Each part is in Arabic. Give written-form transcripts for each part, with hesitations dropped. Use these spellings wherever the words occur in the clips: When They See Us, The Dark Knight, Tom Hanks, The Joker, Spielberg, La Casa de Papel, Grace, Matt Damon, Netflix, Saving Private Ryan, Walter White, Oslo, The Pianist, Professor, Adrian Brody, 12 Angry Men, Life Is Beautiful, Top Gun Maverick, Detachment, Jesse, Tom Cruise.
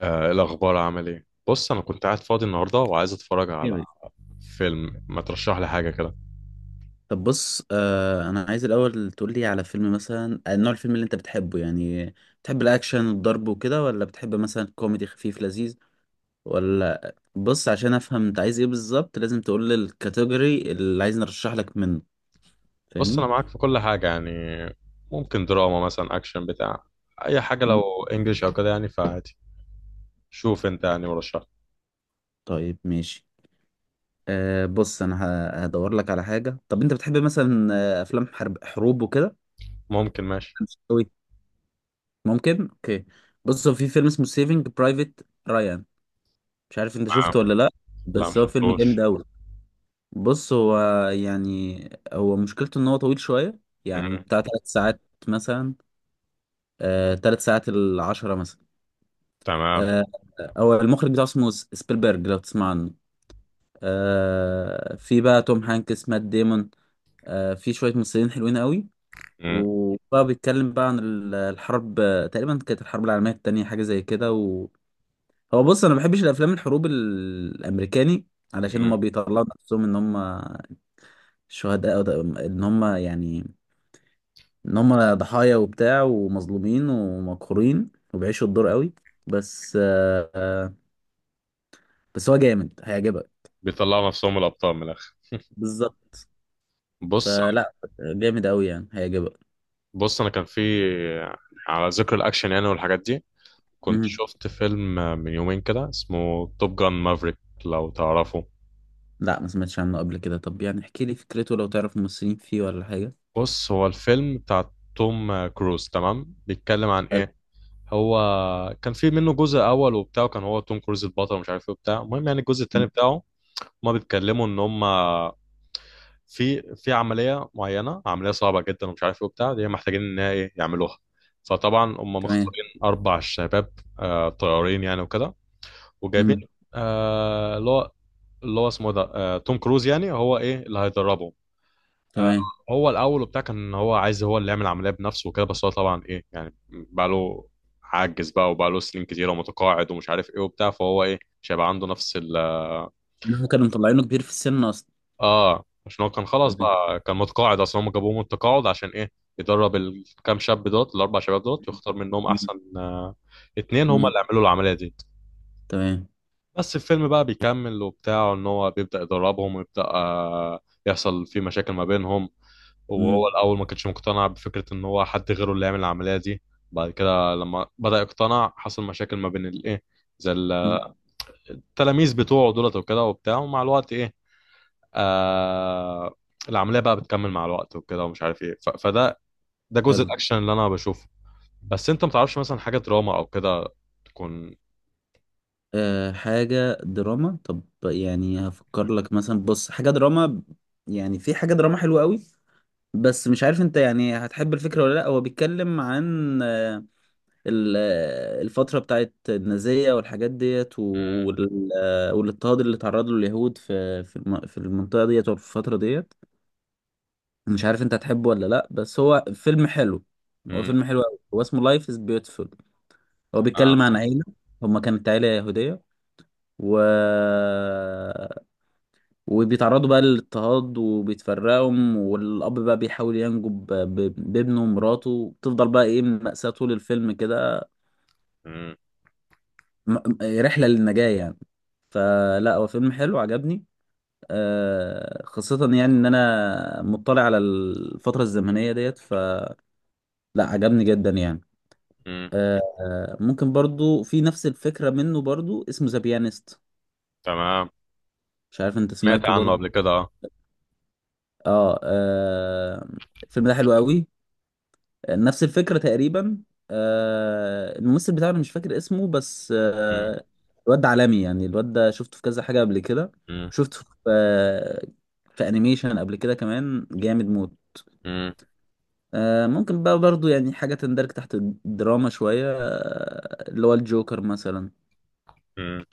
إيه الأخبار، عامل إيه؟ بص، أنا كنت قاعد فاضي النهاردة وعايز أتفرج على جامد. فيلم. ما ترشح لي حاجة كده. طب بص انا عايز الاول تقول لي على فيلم مثلا نوع الفيلم اللي انت بتحبه، يعني بتحب الاكشن والضرب وكده، ولا بتحب مثلا كوميدي خفيف لذيذ، ولا بص عشان افهم انت عايز ايه بالظبط. لازم تقول لي الكاتيجوري اللي عايز نرشح لك منه. بص، أنا فاهمني؟ معاك في كل حاجة يعني. ممكن دراما مثلا، أكشن بتاع، أي حاجة. لو مم. إنجليش أو كده يعني فعادي. شوف أنت يعني ورشح. طيب ماشي. بص انا هدور لك على حاجة. طب انت بتحب مثلا افلام حرب، حروب وكده؟ ممكن ماشي. مش قوي. ممكن اوكي. بص هو في فيلم اسمه سيفنج برايفت رايان، مش عارف انت آه. شفته ولا لا، لا، بس هو فيلم جامد مشفتوش. قوي. بص هو، يعني هو مشكلته ان هو طويل شوية، يعني مم. بتاع ثلاث ساعات مثلا. آه ثلاث ساعات العشرة مثلا. تمام. آه، هو المخرج بتاعه اسمه سبيلبرج، لو تسمع عنه. آه، في بقى توم هانكس، مات ديمون، آه، في شوية ممثلين حلوين قوي. مم. وبقى بيتكلم بقى عن الحرب، تقريبا كانت الحرب العالمية التانية، حاجة زي كده. وهو، بص انا ما بحبش الافلام الحروب الامريكاني، علشان هما مم. بيطلعوا نفسهم ان هما شهداء، أو ان هما يعني ان هم ضحايا وبتاع، ومظلومين ومقهورين، وبيعيشوا الدور قوي. بس بس هو جامد، هيعجبك. بيطلعوا نفسهم الأبطال من الآخر. بالظبط. بص، فلا، جامد قوي، يعني هيعجبك. بص أنا كان في، على ذكر الأكشن يعني والحاجات دي، كنت مهم. شفت فيلم من يومين كده اسمه توب جان مافريك، لو تعرفه. لا ما سمعتش عنه قبل كده. طب يعني احكي لي فكرته، لو تعرف ممثلين فيه ولا حاجة. بص، هو الفيلم بتاع توم كروز، تمام؟ بيتكلم عن حلو. ايه. هو كان في منه جزء اول وبتاع، كان هو توم كروز البطل ومش عارف ايه وبتاع. المهم يعني الجزء التاني مم. بتاعه، هما بيتكلموا ان هما في عمليه معينه، عمليه صعبه جدا ومش عارف ايه وبتاع، دي محتاجين ان هي ايه يعملوها. فطبعا هم تمام. مختارين اربع شباب، آه، طيارين يعني وكده. وجايبين مم. آه اللي هو اسمه ده آه توم كروز، يعني هو ايه، اللي هيدربهم. آه، تمام. هو الاول وبتاع كان هو عايز هو اللي يعمل العمليه بنفسه وكده، بس هو طبعا ايه يعني، بقى له، عاجز بقى وبقى له سنين كتيره ومتقاعد ومش عارف ايه وبتاع، فهو ايه مش هيبقى عنده نفس ال... يعني هو كانوا مطلعينه كبير في السن اصلا؟ اه عشان هو كان خلاص تمام. بقى كان متقاعد اصلا. هم جابوه من التقاعد عشان ايه، يدرب الكام شاب دوت، الاربع شباب دوت، ويختار منهم مم. احسن اتنين هم مم. اللي يعملوا العمليه دي. تمام. بس الفيلم بقى بيكمل وبتاع ان هو بيبدأ يدربهم ويبدأ يحصل في مشاكل ما بينهم. وهو مم. الأول ما كانش مقتنع بفكرة ان هو حد غيره اللي يعمل العملية دي. بعد كده لما بدأ يقتنع، حصل مشاكل ما بين الايه، زي مم. التلاميذ بتوعه دولت وكده وبتاع. ومع الوقت ايه، آه، العملية بقى بتكمل مع الوقت وكده ومش عارف ايه. فده، ده جزء حلو الأكشن اللي أنا بشوفه. بس أنت متعرفش مثلا حاجة دراما أو كده تكون؟ أه حاجة دراما طب يعني هفكر لك مثلا بص حاجة دراما يعني في حاجة دراما حلوة قوي بس مش عارف انت يعني هتحب الفكرة ولا لا هو بيتكلم عن آه، ال- آه، الفترة بتاعت النازية والحاجات ديت مم، وال- آه، والاضطهاد اللي تعرض له اليهود في في الم- في المنطقة ديت وفي الفترة ديت مش عارف انت هتحبه ولا لا بس هو فيلم حلو هو مم، فيلم حلو قوي هو اسمه لايف از بيوتيفول هو آه، بيتكلم عن عيلة هما كانت عيلة يهودية و وبيتعرضوا بقى للاضطهاد وبيتفرقوا والأب بقى بيحاول ينجو ب- ب- بابنه ومراته بتفضل بقى إيه مأساة طول الفيلم كده مم، م- رحلة للنجاة يعني فلا هو فيلم حلو عجبني آه، خاصة يعني إن أنا مطلع على الفترة الزمنية ديت فلا عجبني جدا يعني مم، آه، آه، ممكن برضو في نفس الفكرة منه برضو اسمه ذا بيانست تمام. مش عارف أنت سمعت سمعته عنه برضو قبل كده، اه. آه, آه الفيلم ده حلو قوي نفس الفكرة تقريبا آه، الممثل بتاعنا مش فاكر اسمه بس مم. آه، الواد ده عالمي يعني الواد ده شفته في كذا حاجة قبل كده مم. شفته في آه، في انيميشن قبل كده كمان جامد موت مم. آه، ممكن بقى برضو يعني حاجة تندرج تحت الدراما شوية آه، اللي هو الجوكر مثلا مم.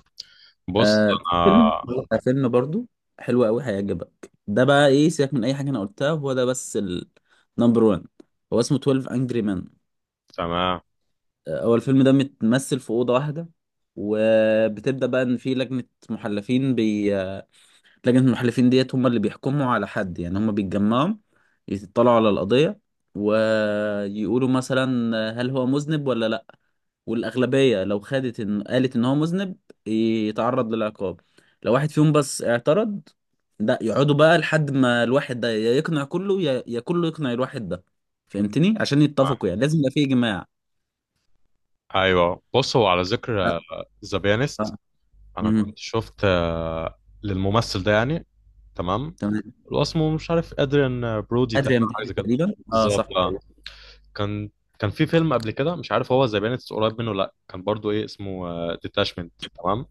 بص، آه، في فيلم انا. آه، فيلم برضو حلو قوي هيعجبك ده بقى ايه سيبك من اي حاجة انا قلتها هو ده بس النمبر 1 هو اسمه 12 Angry Men تمام. آه، هو الفيلم ده متمثل في أوضة واحدة وبتبدأ بقى إن في لجنة محلفين بي... آه، لجنة المحلفين ديت هم اللي بيحكموا على حد يعني هم بيتجمعوا يطلعوا على القضية ويقولوا مثلا هل هو مذنب ولا لأ والأغلبية لو خدت إن قالت إن هو مذنب يتعرض للعقاب لو واحد فيهم بس اعترض ده يقعدوا بقى لحد ما الواحد ده يا يقنع كله يا يا كله يقنع الواحد ده فهمتني عشان آه. يتفقوا يعني لازم يبقى في إجماع ايوه، بص هو على ذكر ذا بيانست، آه. انا كنت مهم. شفت آه للممثل ده يعني. تمام. تمام اللي هو اسمه، مش عارف، ادريان برودي تقريبا، ادريان حاجه بيلي زي كده. تقريبا اه صح بالظبط، اه. تقريبا كان كان في فيلم قبل كده، مش عارف هو ذا بيانست قريب منه ولا لا، كان برضو ايه اسمه ديتاشمنت، تمام.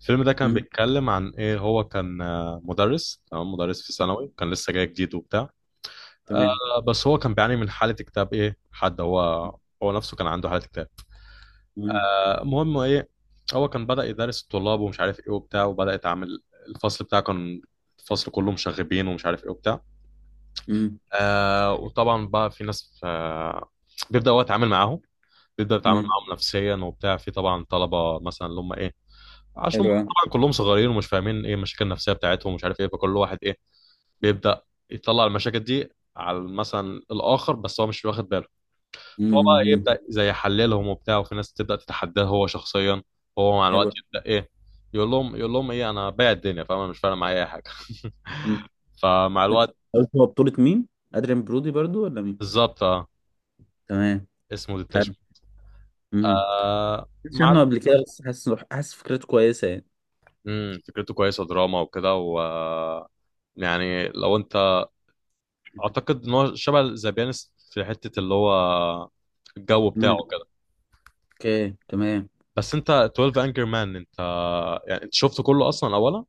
الفيلم ده كان مم. بيتكلم عن ايه. هو كان آه مدرس، تمام، مدرس في ثانوي، كان لسه جاي جديد وبتاع. تمام آه، بس هو كان بيعاني من حالة اكتئاب. ايه حد هو، هو نفسه كان عنده حالة اكتئاب. مم. آه، المهم ايه، هو كان بدأ يدرس الطلاب ومش عارف ايه وبتاع، وبدأ يتعامل. الفصل بتاعه كان، الفصل كله مشاغبين ومش عارف ايه وبتاع. مم. آه، وطبعا بقى في ناس، آه، بيبدأ هو يتعامل معاهم، بيبدأ يتعامل مم. معاهم نفسيا وبتاع. في طبعا طلبة مثلا اللي هم ايه، عشان هم حلو أوي. طبعا كلهم صغيرين ومش فاهمين ايه المشاكل النفسية بتاعتهم ومش عارف ايه، فكل واحد ايه بيبدأ يطلع المشاكل دي على مثلا الآخر، بس هو مش واخد باله. فهو مم. بقى إيه، مم. يبدا زي يحللهم وبتاع، وفي ناس تبدا تتحداه هو شخصيا. هو مع الوقت حلو. يبدا ايه، يقول لهم، يقول لهم ايه، انا بايع الدنيا، فاهم؟ أنا مش فارق معايا اي حاجه. مم. فمع الوقت، قلت هو بطولة مين؟ ادريان برودي برضو ولا مين؟ بالظبط اه. تمام. اسمه حلو. ديتاشمنت. امم. آه مش عنه مع، قبل كده، بس حاسس حاسس فكرته كويسة يعني. فكرته كويسه، دراما وكده و، يعني لو انت، اعتقد ان هو شبه ذا بيانست في حته اللي هو الجو امم. بتاعه كده. اوكي تمام. بس انت 12 انجر مان، انت يعني انت شفته كله اصلا اولا؟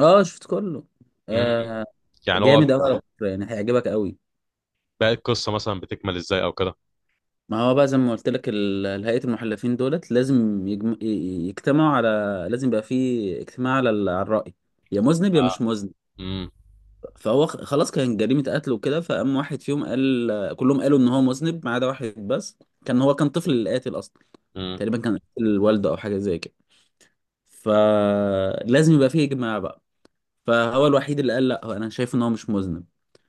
اه شفت كله. امم. آه. يعني هو، جامد قوي على فكرة، يعني هيعجبك قوي. باقي القصة مثلا بتكمل ازاي او كده؟ ما هو بقى زي ما قلت لك، هيئة المحلفين دولت لازم يجتمعوا على، لازم يبقى في اجتماع على على الرأي، يا مذنب يا مش اه. مذنب. امم. فهو خلاص كان جريمة قتل وكده، فقام واحد فيهم قال، كلهم قالوا ان هو مذنب ما عدا واحد بس. كان هو كان طفل اللي قاتل اصلا، امم. تقريبا كان قاتل الوالدة او حاجة زي كده. فلازم يبقى في اجماع بقى. فهو الوحيد اللي قال لا، هو انا شايف ان هو مش مذنب.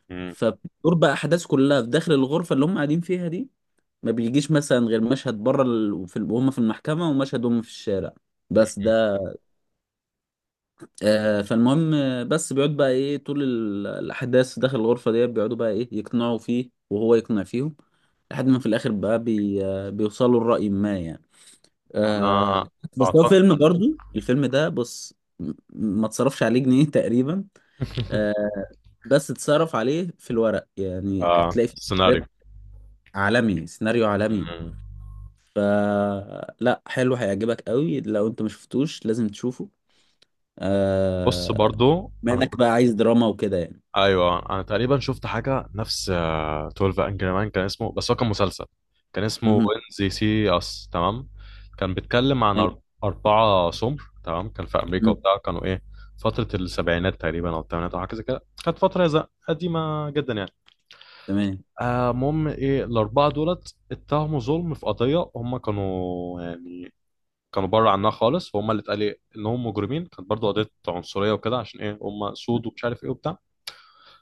امم. فبتدور بقى احداث كلها في داخل الغرفة اللي هم قاعدين فيها دي. ما بيجيش مثلا غير مشهد بره ال...، وفي وهم في المحكمة، ومشهد هم في الشارع، بس ده. آه، فالمهم بس بيقعد بقى ايه طول الأحداث داخل الغرفة دي. بيقعدوا بقى ايه يقنعوا فيه وهو يقنع فيهم، لحد ما في الآخر بقى بي... آه، بيوصلوا لرأي ما يعني. آه. انا بس هو اعتقد. فيلم برضو، الفيلم ده بص، ما اتصرفش عليه جنيه تقريبا. آه، بس اتصرف عليه في الورق، يعني آه. هتلاقي في سكريبت سيناريو. عالمي، سيناريو عالمي. مم. فلا حلو، هيعجبك قوي. لو انت ما شفتوش لازم تشوفه. بص آه... برضو بما انا انك كنت، بقى عايز دراما وكده يعني. ايوه انا تقريبا شفت حاجه نفس آه 12 انجري مان، كان اسمه، بس هو كان مسلسل. كان اسمه مهم. وين زي سي اس، تمام. كان بيتكلم عن اربعه سمر، تمام، كان في امريكا مهم. وبتاع، كانوا ايه، فتره السبعينات تقريبا او الثمانينات او حاجه زي كده، كانت فتره قديمه جدا يعني. تمام. آه، المهم ايه، الاربعه دولت اتهموا ظلم في قضيه، هم كانوا يعني كانوا بره عنها خالص، وهم اللي اتقال إيه، انهم مجرمين. كانت برضو قضيه عنصريه وكده، عشان ايه، هم سود ومش عارف ايه وبتاع.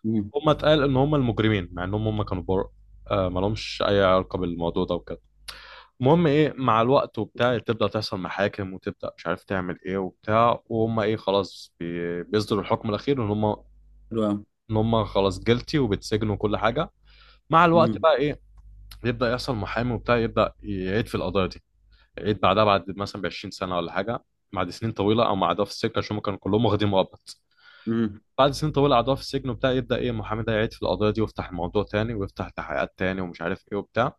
مهم. هم اتقال ان هم المجرمين مع انهم هم كانوا بره، آه، ما لهمش اي علاقه بالموضوع ده وكده. المهم ايه، مع الوقت وبتاع تبدا تحصل محاكم وتبدا مش عارف تعمل ايه وبتاع، وهم ايه خلاص بيصدروا الحكم الاخير ان هم، حلو قوي. ان هم خلاص جلتي وبيتسجنوا وكل حاجه. مع الوقت مهم. بقى ايه، يبدا يحصل محامي وبتاع، يبدا يعيد في القضايا دي، يعيد بعدها بعد مثلا ب 20 سنه ولا حاجه، بعد سنين طويله او قعدوها في السجن، عشان هم كانوا كلهم واخدين مؤبت. مهم. بعد سنين طويله قعدوها في السجن وبتاع، يبدا ايه المحامي ده يعيد في القضايا دي، ويفتح الموضوع تاني ويفتح تحقيقات تاني ومش عارف ايه وبتاع.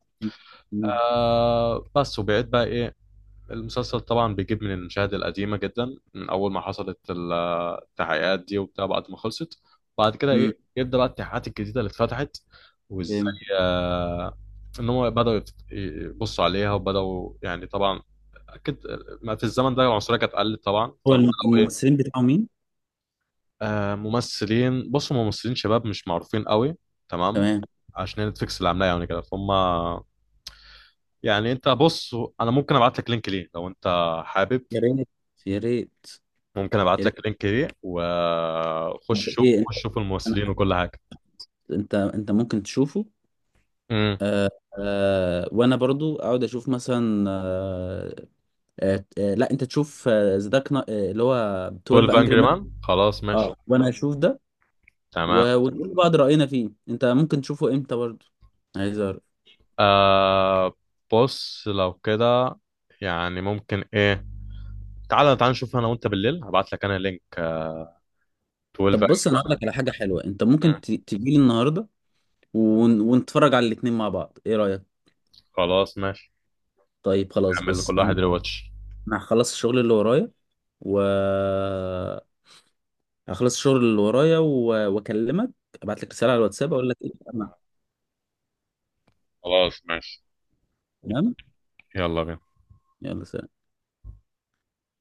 مهم. آه بس، وبيعيد بقى ايه، المسلسل طبعا بيجيب من المشاهد القديمة جدا من أول ما حصلت التحقيقات دي وبتاع، بعد ما خلصت، بعد كده مهم. إيه يبدأ بقى التحقيقات الجديدة اللي اتفتحت وإزاي جامد. آه إن هم بدأوا يبصوا عليها، وبدأوا يعني طبعا، أكيد، ما في الزمن ده العنصرية كانت قلت طبعا، هو فبدأوا إيه، الممثلين بتاعه مين؟ آه، ممثلين. بصوا ممثلين شباب مش معروفين قوي، تمام، تمام. عشان نتفليكس اللي عاملاه يعني كده. فهم يعني انت بص، انا ممكن ابعت لك لينك ليه لو انت حابب. يا ريت، يا ريت، ممكن يا ابعت ريت. لك اللينك دي وخش طب شوف، ايه، خش شوف انت، الممثلين وكل حاجه. انت ممكن تشوفه. امم. آه. آه، وانا برضو اقعد اشوف مثلا آه، لا، انت تشوف ذا دارك، اللي هو 12 12 انجري انجري. مان، خلاص ماشي، اه وانا اشوف ده. تمام. ونقول لبعض راينا فيه. انت ممكن تشوفه امتى برضه؟ عايز اعرف. آه، بص لو كده يعني ممكن ايه، تعالى نشوف انا وانت بالليل، هبعت لك انا لينك 12 طب بص انجري انا هقول مان. لك على حاجه حلوه، انت ممكن تجيلي النهارده، ونتفرج على الاتنين مع بعض، ايه رايك؟ خلاص ماشي. طيب خلاص. نعمل بص لكل انا، واحد ريواتش. أنا هخلص الشغل اللي ورايا و، هخلص الشغل اللي ورايا و... واكلمك، ابعت لك رساله على الواتساب اقول لك ايه خلاص ماشي. تمام. يلا بينا. يلا سلام.